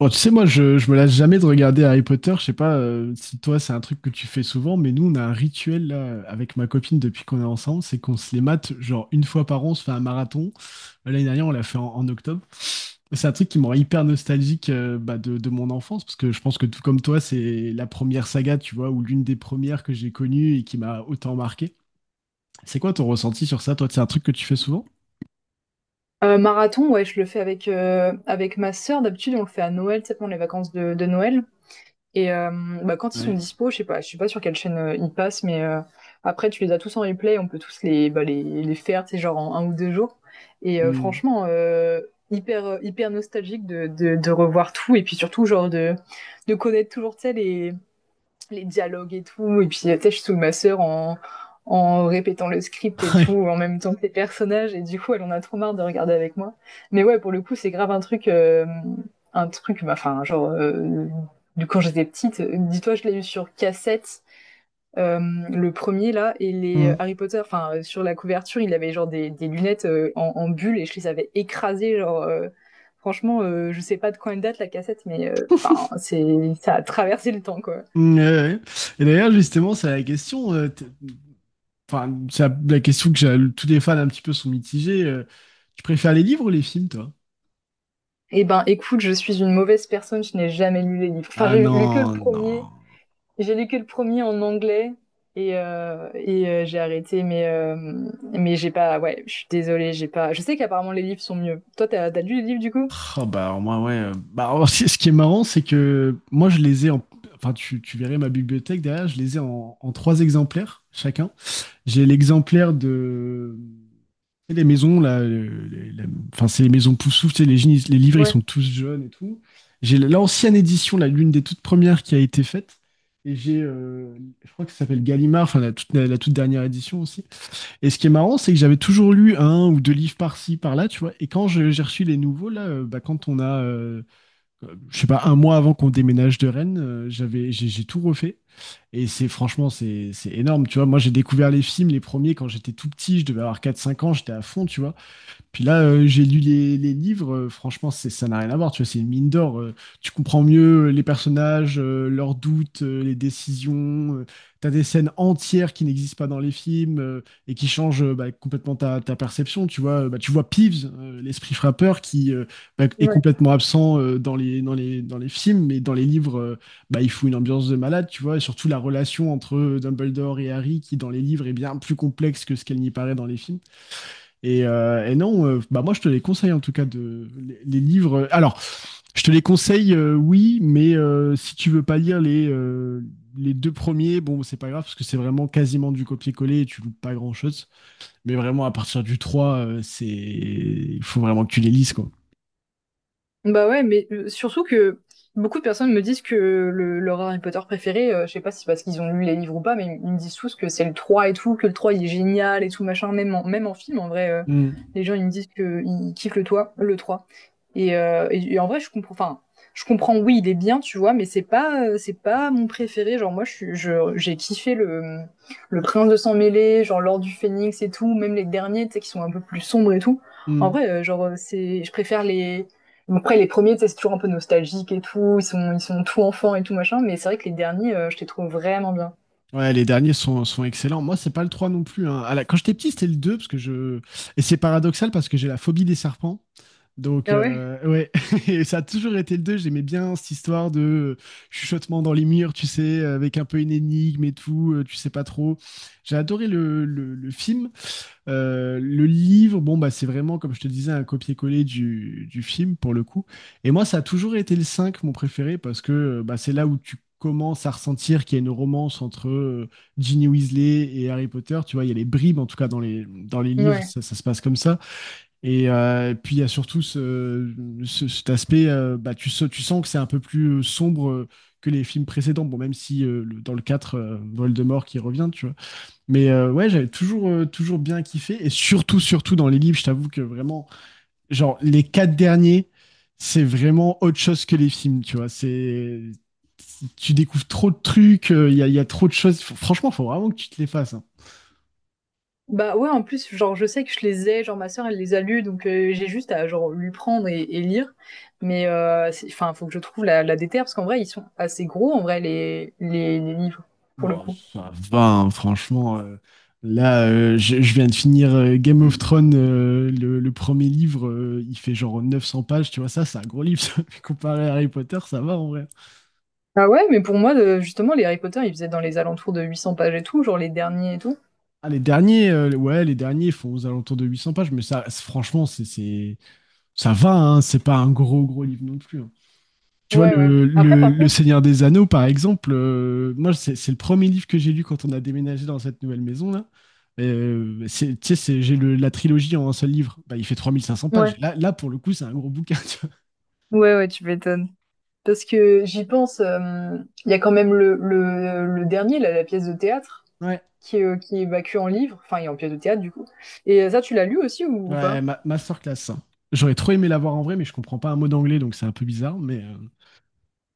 Bon, tu sais, moi, je me lasse jamais de regarder Harry Potter. Je sais pas si toi, c'est un truc que tu fais souvent, mais nous, on a un rituel là, avec ma copine depuis qu'on est ensemble, c'est qu'on se les mate, genre une fois par an, on se fait un marathon. L'année dernière, on l'a fait en octobre. Et c'est un truc qui me rend hyper nostalgique bah, de mon enfance, parce que je pense que tout comme toi, c'est la première saga, tu vois, ou l'une des premières que j'ai connues et qui m'a autant marqué. C'est quoi ton ressenti sur ça, toi? C'est un truc que tu fais souvent? Marathon, ouais, je le fais avec, avec ma sœur. D'habitude, on le fait à Noël, tu sais, pendant les vacances de Noël. Et bah, quand ils sont Ouais. dispo, je sais pas sur quelle chaîne ils passent, mais après, tu les as tous en replay, on peut tous les, bah, les faire, tu sais, genre en un ou deux jours. Et franchement, hyper, hyper nostalgique de revoir tout, et puis surtout, genre, de connaître toujours, tu sais, les dialogues et tout. Et puis, tu sais, je saoule ma sœur en, en répétant le script et tout, en même temps que les personnages. Et du coup, elle en a trop marre de regarder avec moi. Mais ouais, pour le coup, c'est grave un truc, bah, enfin, bah, genre, quand j'étais petite, dis-toi, je l'ai eu sur cassette. euh, le premier là et Mm. Ouais. les Mm. Harry Potter enfin sur la couverture il avait genre des lunettes en, en bulle et je les avais écrasées genre franchement je sais pas de quand elle date la cassette mais enfin c'est ça a traversé le temps quoi. Mm, ouais, ouais. Et d'ailleurs, justement, c'est la question. Enfin, c'est la question tous les fans un petit peu sont mitigés. Tu préfères les livres ou les films, toi? Eh ben, écoute, je suis une mauvaise personne, je n'ai jamais lu les livres. Enfin, Ah j'ai lu que le non, premier. non. J'ai lu que le premier en anglais et, j'ai arrêté, mais j'ai pas. Ouais, je suis désolée, j'ai pas. Je sais qu'apparemment les livres sont mieux. Toi, t'as as lu les livres du coup? Oh, bah, alors, moi, ouais. Bah, alors, ce qui est marrant, c'est que moi, je les ai en. Enfin, tu verrais ma bibliothèque derrière, je les ai en trois exemplaires chacun. J'ai l'exemplaire de. Et les maisons, là, enfin, c'est les maisons poussouf, tu sais, les livres, ils Ouais, sont tous jeunes et tout. J'ai l'ancienne édition, là, l'une des toutes premières qui a été faite. Et j'ai, je crois que ça s'appelle Gallimard, enfin, la toute dernière édition aussi. Et ce qui est marrant, c'est que j'avais toujours lu un ou deux livres par-ci, par-là, tu vois. Et quand j'ai reçu les nouveaux, là, bah, quand on a, je sais pas, un mois avant qu'on déménage de Rennes, j'ai tout refait. Et c'est franchement, c'est énorme, tu vois. Moi, j'ai découvert les films, les premiers, quand j'étais tout petit, je devais avoir quatre cinq ans, j'étais à fond, tu vois. Puis là, j'ai lu les livres, franchement, c'est, ça n'a rien à voir, tu vois, c'est une mine d'or. Tu comprends mieux les personnages, leurs doutes, les décisions. Tu as des scènes entières qui n'existent pas dans les films et qui changent bah, complètement ta perception, tu vois. Bah, tu vois Peeves, l'esprit frappeur, qui bah, est ouais. complètement absent dans les films, mais dans les livres, bah, il faut une ambiance de malade, tu vois, et surtout la relation entre Dumbledore et Harry, qui dans les livres est bien plus complexe que ce qu'elle n'y paraît dans les films. Et non, bah moi je te les conseille en tout cas de les livres. Alors, je te les conseille, oui, mais si tu veux pas lire les deux premiers, bon c'est pas grave parce que c'est vraiment quasiment du copier-coller et tu loupes pas grand-chose. Mais vraiment à partir du 3, c'est il faut vraiment que tu les lises quoi. Bah ouais, mais surtout que beaucoup de personnes me disent que le, leur Harry Potter préféré, je sais pas si c'est parce qu'ils ont lu les livres ou pas, mais ils me disent tous que c'est le 3 et tout, que le 3 il est génial et tout machin, même en, même en film en vrai, Mm. les gens ils me disent que ils kiffent le 3, le 3. Et, et en vrai, je comprends. Enfin, je comprends. Oui, il est bien, tu vois, mais c'est pas mon préféré. Genre moi, j'ai kiffé le Prince de sang mêlé, genre l'Or du Phénix et tout. Même les derniers, tu sais, qui sont un peu plus sombres et tout. En Mm. vrai, genre c'est, je préfère les. Bon, après les premiers, tu sais, c'est toujours un peu nostalgique et tout. Ils sont tout enfants et tout machin. Mais c'est vrai que les derniers, je les trouve vraiment bien. Ouais, les derniers sont excellents. Moi, c'est pas le 3 non plus, hein. Quand j'étais petit, c'était le 2 parce que je et c'est paradoxal parce que j'ai la phobie des serpents. Donc, Ah ouais? Ouais, et ça a toujours été le 2. J'aimais bien cette histoire de chuchotement dans les murs, tu sais, avec un peu une énigme et tout, tu sais pas trop. J'ai adoré le film. Le livre, bon, bah, c'est vraiment, comme je te disais, un copier-coller du film pour le coup. Et moi, ça a toujours été le 5 mon préféré, parce que bah, c'est là où tu commences à ressentir qu'il y a une romance entre Ginny Weasley et Harry Potter. Tu vois, il y a les bribes, en tout cas, dans les livres, Ouais. ça se passe comme ça. Et puis il y a surtout ce, cet aspect, bah, tu sens que c'est un peu plus sombre que les films précédents, bon, même si dans le 4, Voldemort qui revient, tu vois. Mais ouais, j'avais toujours bien kiffé, et surtout, surtout dans les livres, je t'avoue que vraiment, genre les quatre derniers, c'est vraiment autre chose que les films, tu vois. C'est, tu découvres trop de trucs, il y a trop de choses. Franchement, faut vraiment que tu te les fasses, hein. Bah, ouais, en plus, genre, je sais que je les ai, genre, ma sœur, elle les a lus, donc j'ai juste à, genre, lui prendre et lire. Mais c'est enfin, faut que je trouve la déterre parce qu'en vrai, ils sont assez gros, en vrai, les livres, pour le Bon, coup. ça va, hein, franchement. Là, je viens de finir Game of Thrones, le premier livre, il fait genre 900 pages, tu vois, ça, c'est un gros livre, ça. Comparé à Harry Potter, ça va en vrai. Ah ouais? Mais pour moi, justement, les Harry Potter, ils faisaient dans les alentours de 800 pages et tout, genre, les derniers et tout. Ah, les derniers, ouais, les derniers font aux alentours de 800 pages, mais ça, franchement, ça va, hein, c'est pas un gros, gros livre non plus, hein. Tu vois, Ouais, ouais. le, Après, le, par le contre Seigneur des Anneaux, par exemple, moi, c'est le premier livre que j'ai lu quand on a déménagé dans cette nouvelle maison-là. Tu sais, j'ai la trilogie en un seul livre. Bah, il fait 3 500 pages. ouais, Là, là, pour le coup, c'est un gros bouquin. Tu ouais, tu m'étonnes. Parce que j'y pense, hem, il y a quand même le dernier, là, la pièce de théâtre. vois. Ouais, Qui qui est bah, en livre, enfin, et en pièce de théâtre, du coup. Et ça, tu l'as lu aussi ou ouais, pas? Masterclass, hein. J'aurais trop aimé l'avoir en vrai, mais je comprends pas un mot d'anglais, donc c'est un peu bizarre.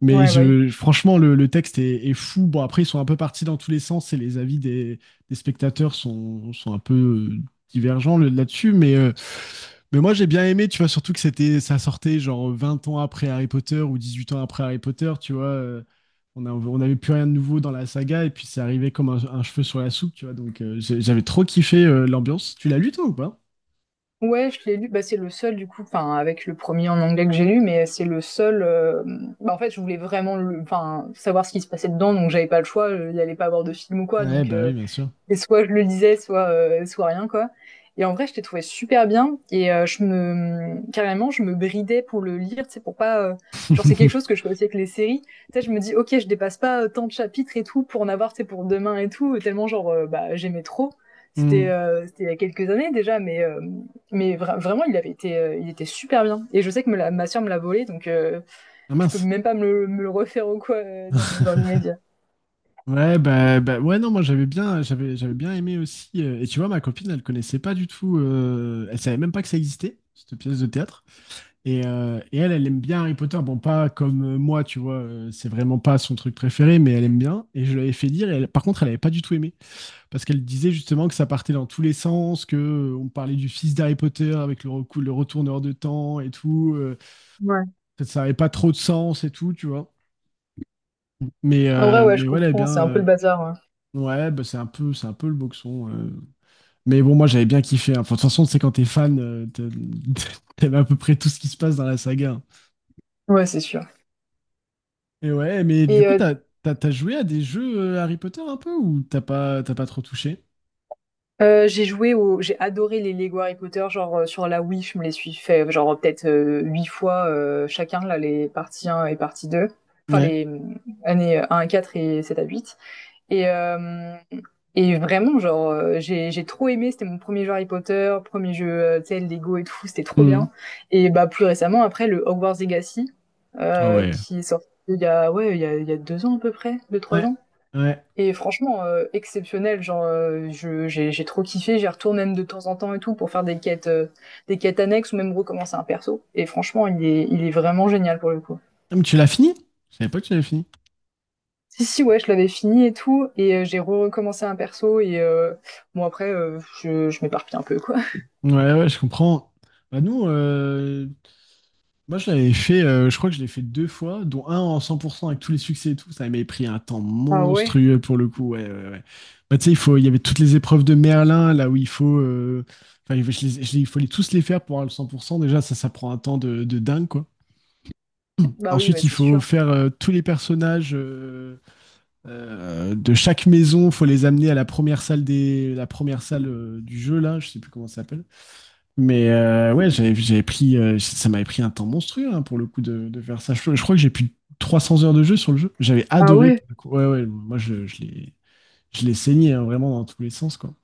Mais Ouais, bah oui. Franchement, le texte est fou. Bon, après, ils sont un peu partis dans tous les sens et les avis des spectateurs sont un peu euh, divergents là-dessus. Mais moi, j'ai bien aimé, tu vois, surtout que ça sortait genre 20 ans après Harry Potter ou 18 ans après Harry Potter, tu vois. On on n'avait plus rien de nouveau dans la saga et puis c'est arrivé comme un cheveu sur la soupe, tu vois. Donc, j'avais trop kiffé l'ambiance. Tu l'as lu, toi, ou pas? Ouais, je l'ai lu. Bah, c'est le seul, du coup, enfin, avec le premier en anglais que j'ai lu, mais c'est le seul. Bah, en fait, je voulais vraiment le... enfin, savoir ce qui se passait dedans, donc j'avais pas le choix. Il n'y allait pas avoir de film ou quoi, Ouais, donc. bah oui, bien sûr. Et soit je le lisais, soit, soit rien, quoi. Et en vrai, je t'ai trouvé super bien. Et je me, carrément, je me bridais pour le lire, tu sais, pour pas. Genre, c'est quelque chose que je fais aussi avec les séries. Tu sais, je me dis, ok, je dépasse pas tant de chapitres et tout pour en avoir, tu sais, pour demain et tout. Tellement, genre, bah, j'aimais trop. C'était Hmm. C'était il y a quelques années déjà, mais vraiment, il avait été, il était super bien. Et je sais que ma sœur me l'a volé, donc Ah je peux mince. même pas me, me le refaire ou quoi dans l'immédiat. Ouais, bah, bah, ouais, non, moi j'avais bien aimé aussi. Et tu vois, ma copine, elle connaissait pas du tout, elle savait même pas que ça existait, cette pièce de théâtre. Et elle, elle aime bien Harry Potter. Bon, pas comme moi, tu vois, c'est vraiment pas son truc préféré, mais elle aime bien. Et je l'avais fait dire, et par contre, elle avait pas du tout aimé. Parce qu'elle disait justement que ça partait dans tous les sens, que on parlait du fils d'Harry Potter avec le retourneur de temps et tout. euh, Ouais. ça n'avait pas trop de sens et tout, tu vois. Mais, En vrai, euh, ouais, mais je ouais, elle aime comprends, bien. c'est un peu le bazar. Ouais, bah c'est un peu le boxon. Mais bon, moi j'avais bien kiffé, hein. Enfin, de toute façon, c'est quand t'es fan, t'aimes à peu près tout ce qui se passe dans la saga, hein. Ouais, ouais c'est sûr. Et ouais, mais du Et coup, t'as joué à des jeux Harry Potter un peu ou t'as pas trop touché? J'ai adoré les Lego Harry Potter, genre sur la Wii, je me les suis fait genre peut-être huit fois chacun là les parties un et partie 2, enfin Ouais. les années un à 4 et 7 à 8. Et euh, et vraiment genre j'ai trop aimé, c'était mon premier jeu Harry Potter, premier jeu tu sais Lego et tout, c'était trop Mhm. bien. Et bah plus récemment après le Hogwarts Legacy Ah ouais. qui est sorti il y a ouais il y a 2 ans à peu près, deux trois Ouais. ans. Ouais. Et franchement, exceptionnel, genre, je j'ai trop kiffé, j'y retourne même de temps en temps et tout pour faire des quêtes annexes ou même recommencer un perso et franchement, il est vraiment génial pour le coup. Ah, mais tu l'as fini? Je savais pas que tu l'avais fini. Si, si, ouais, je l'avais fini et tout et j'ai recommencé un perso et bon après, je m'éparpille un peu, quoi. Ouais, ouais, je comprends. Bah nous, euh, Moi, je l'avais fait, je crois que je l'ai fait deux fois, dont un en 100% avec tous les succès et tout. Ça m'avait pris un temps Ah ouais? monstrueux pour le coup. Ouais, ouais, ouais. Bah, tu sais, il faut, il y avait toutes les épreuves de Merlin, là où il faut, enfin, il faut les tous les faire pour avoir le 100%. Déjà, ça prend un temps de dingue, quoi. Bah oui, Ensuite, ouais, il c'est faut sûr. faire tous les personnages de chaque maison. Il faut les amener à la première salle du jeu, là. Je sais plus comment ça s'appelle. Mais ouais, ça m'avait pris un temps monstrueux, hein, pour le coup de faire ça. Je crois que j'ai plus de 300 heures de jeu sur le jeu. J'avais Ah adoré, pour ouais? le coup. Ouais, ouais, moi je l'ai saigné, hein, vraiment dans tous les sens quoi.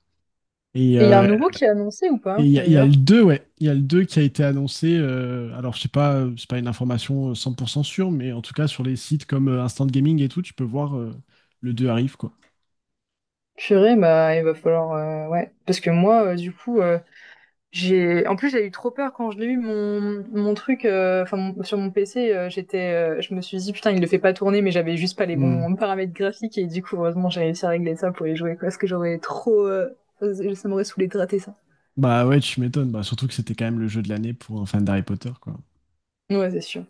Et Et il y a un euh, nouveau qui est annoncé ou et pas, il y a le d'ailleurs? deux, ouais, il y a le 2 qui a été annoncé. Alors je sais pas, c'est pas une information 100% sûre, mais en tout cas sur les sites comme Instant Gaming et tout, tu peux voir le 2 arrive quoi. Purée, bah, il va falloir, ouais, parce que moi, du coup, j'ai, en plus, j'ai eu trop peur quand je l'ai eu mon, mon truc, enfin sur mon PC, je me suis dit putain, il le fait pas tourner, mais j'avais juste pas les Hmm. bons paramètres graphiques et du coup, heureusement, j'ai réussi à régler ça pour y jouer quoi, parce que j'aurais trop, ça m'aurait saoulé de rater ça. Bah ouais, tu m'étonnes. Bah, surtout que c'était quand même le jeu de l'année pour un fan d'Harry Potter, quoi. Ouais, c'est sûr.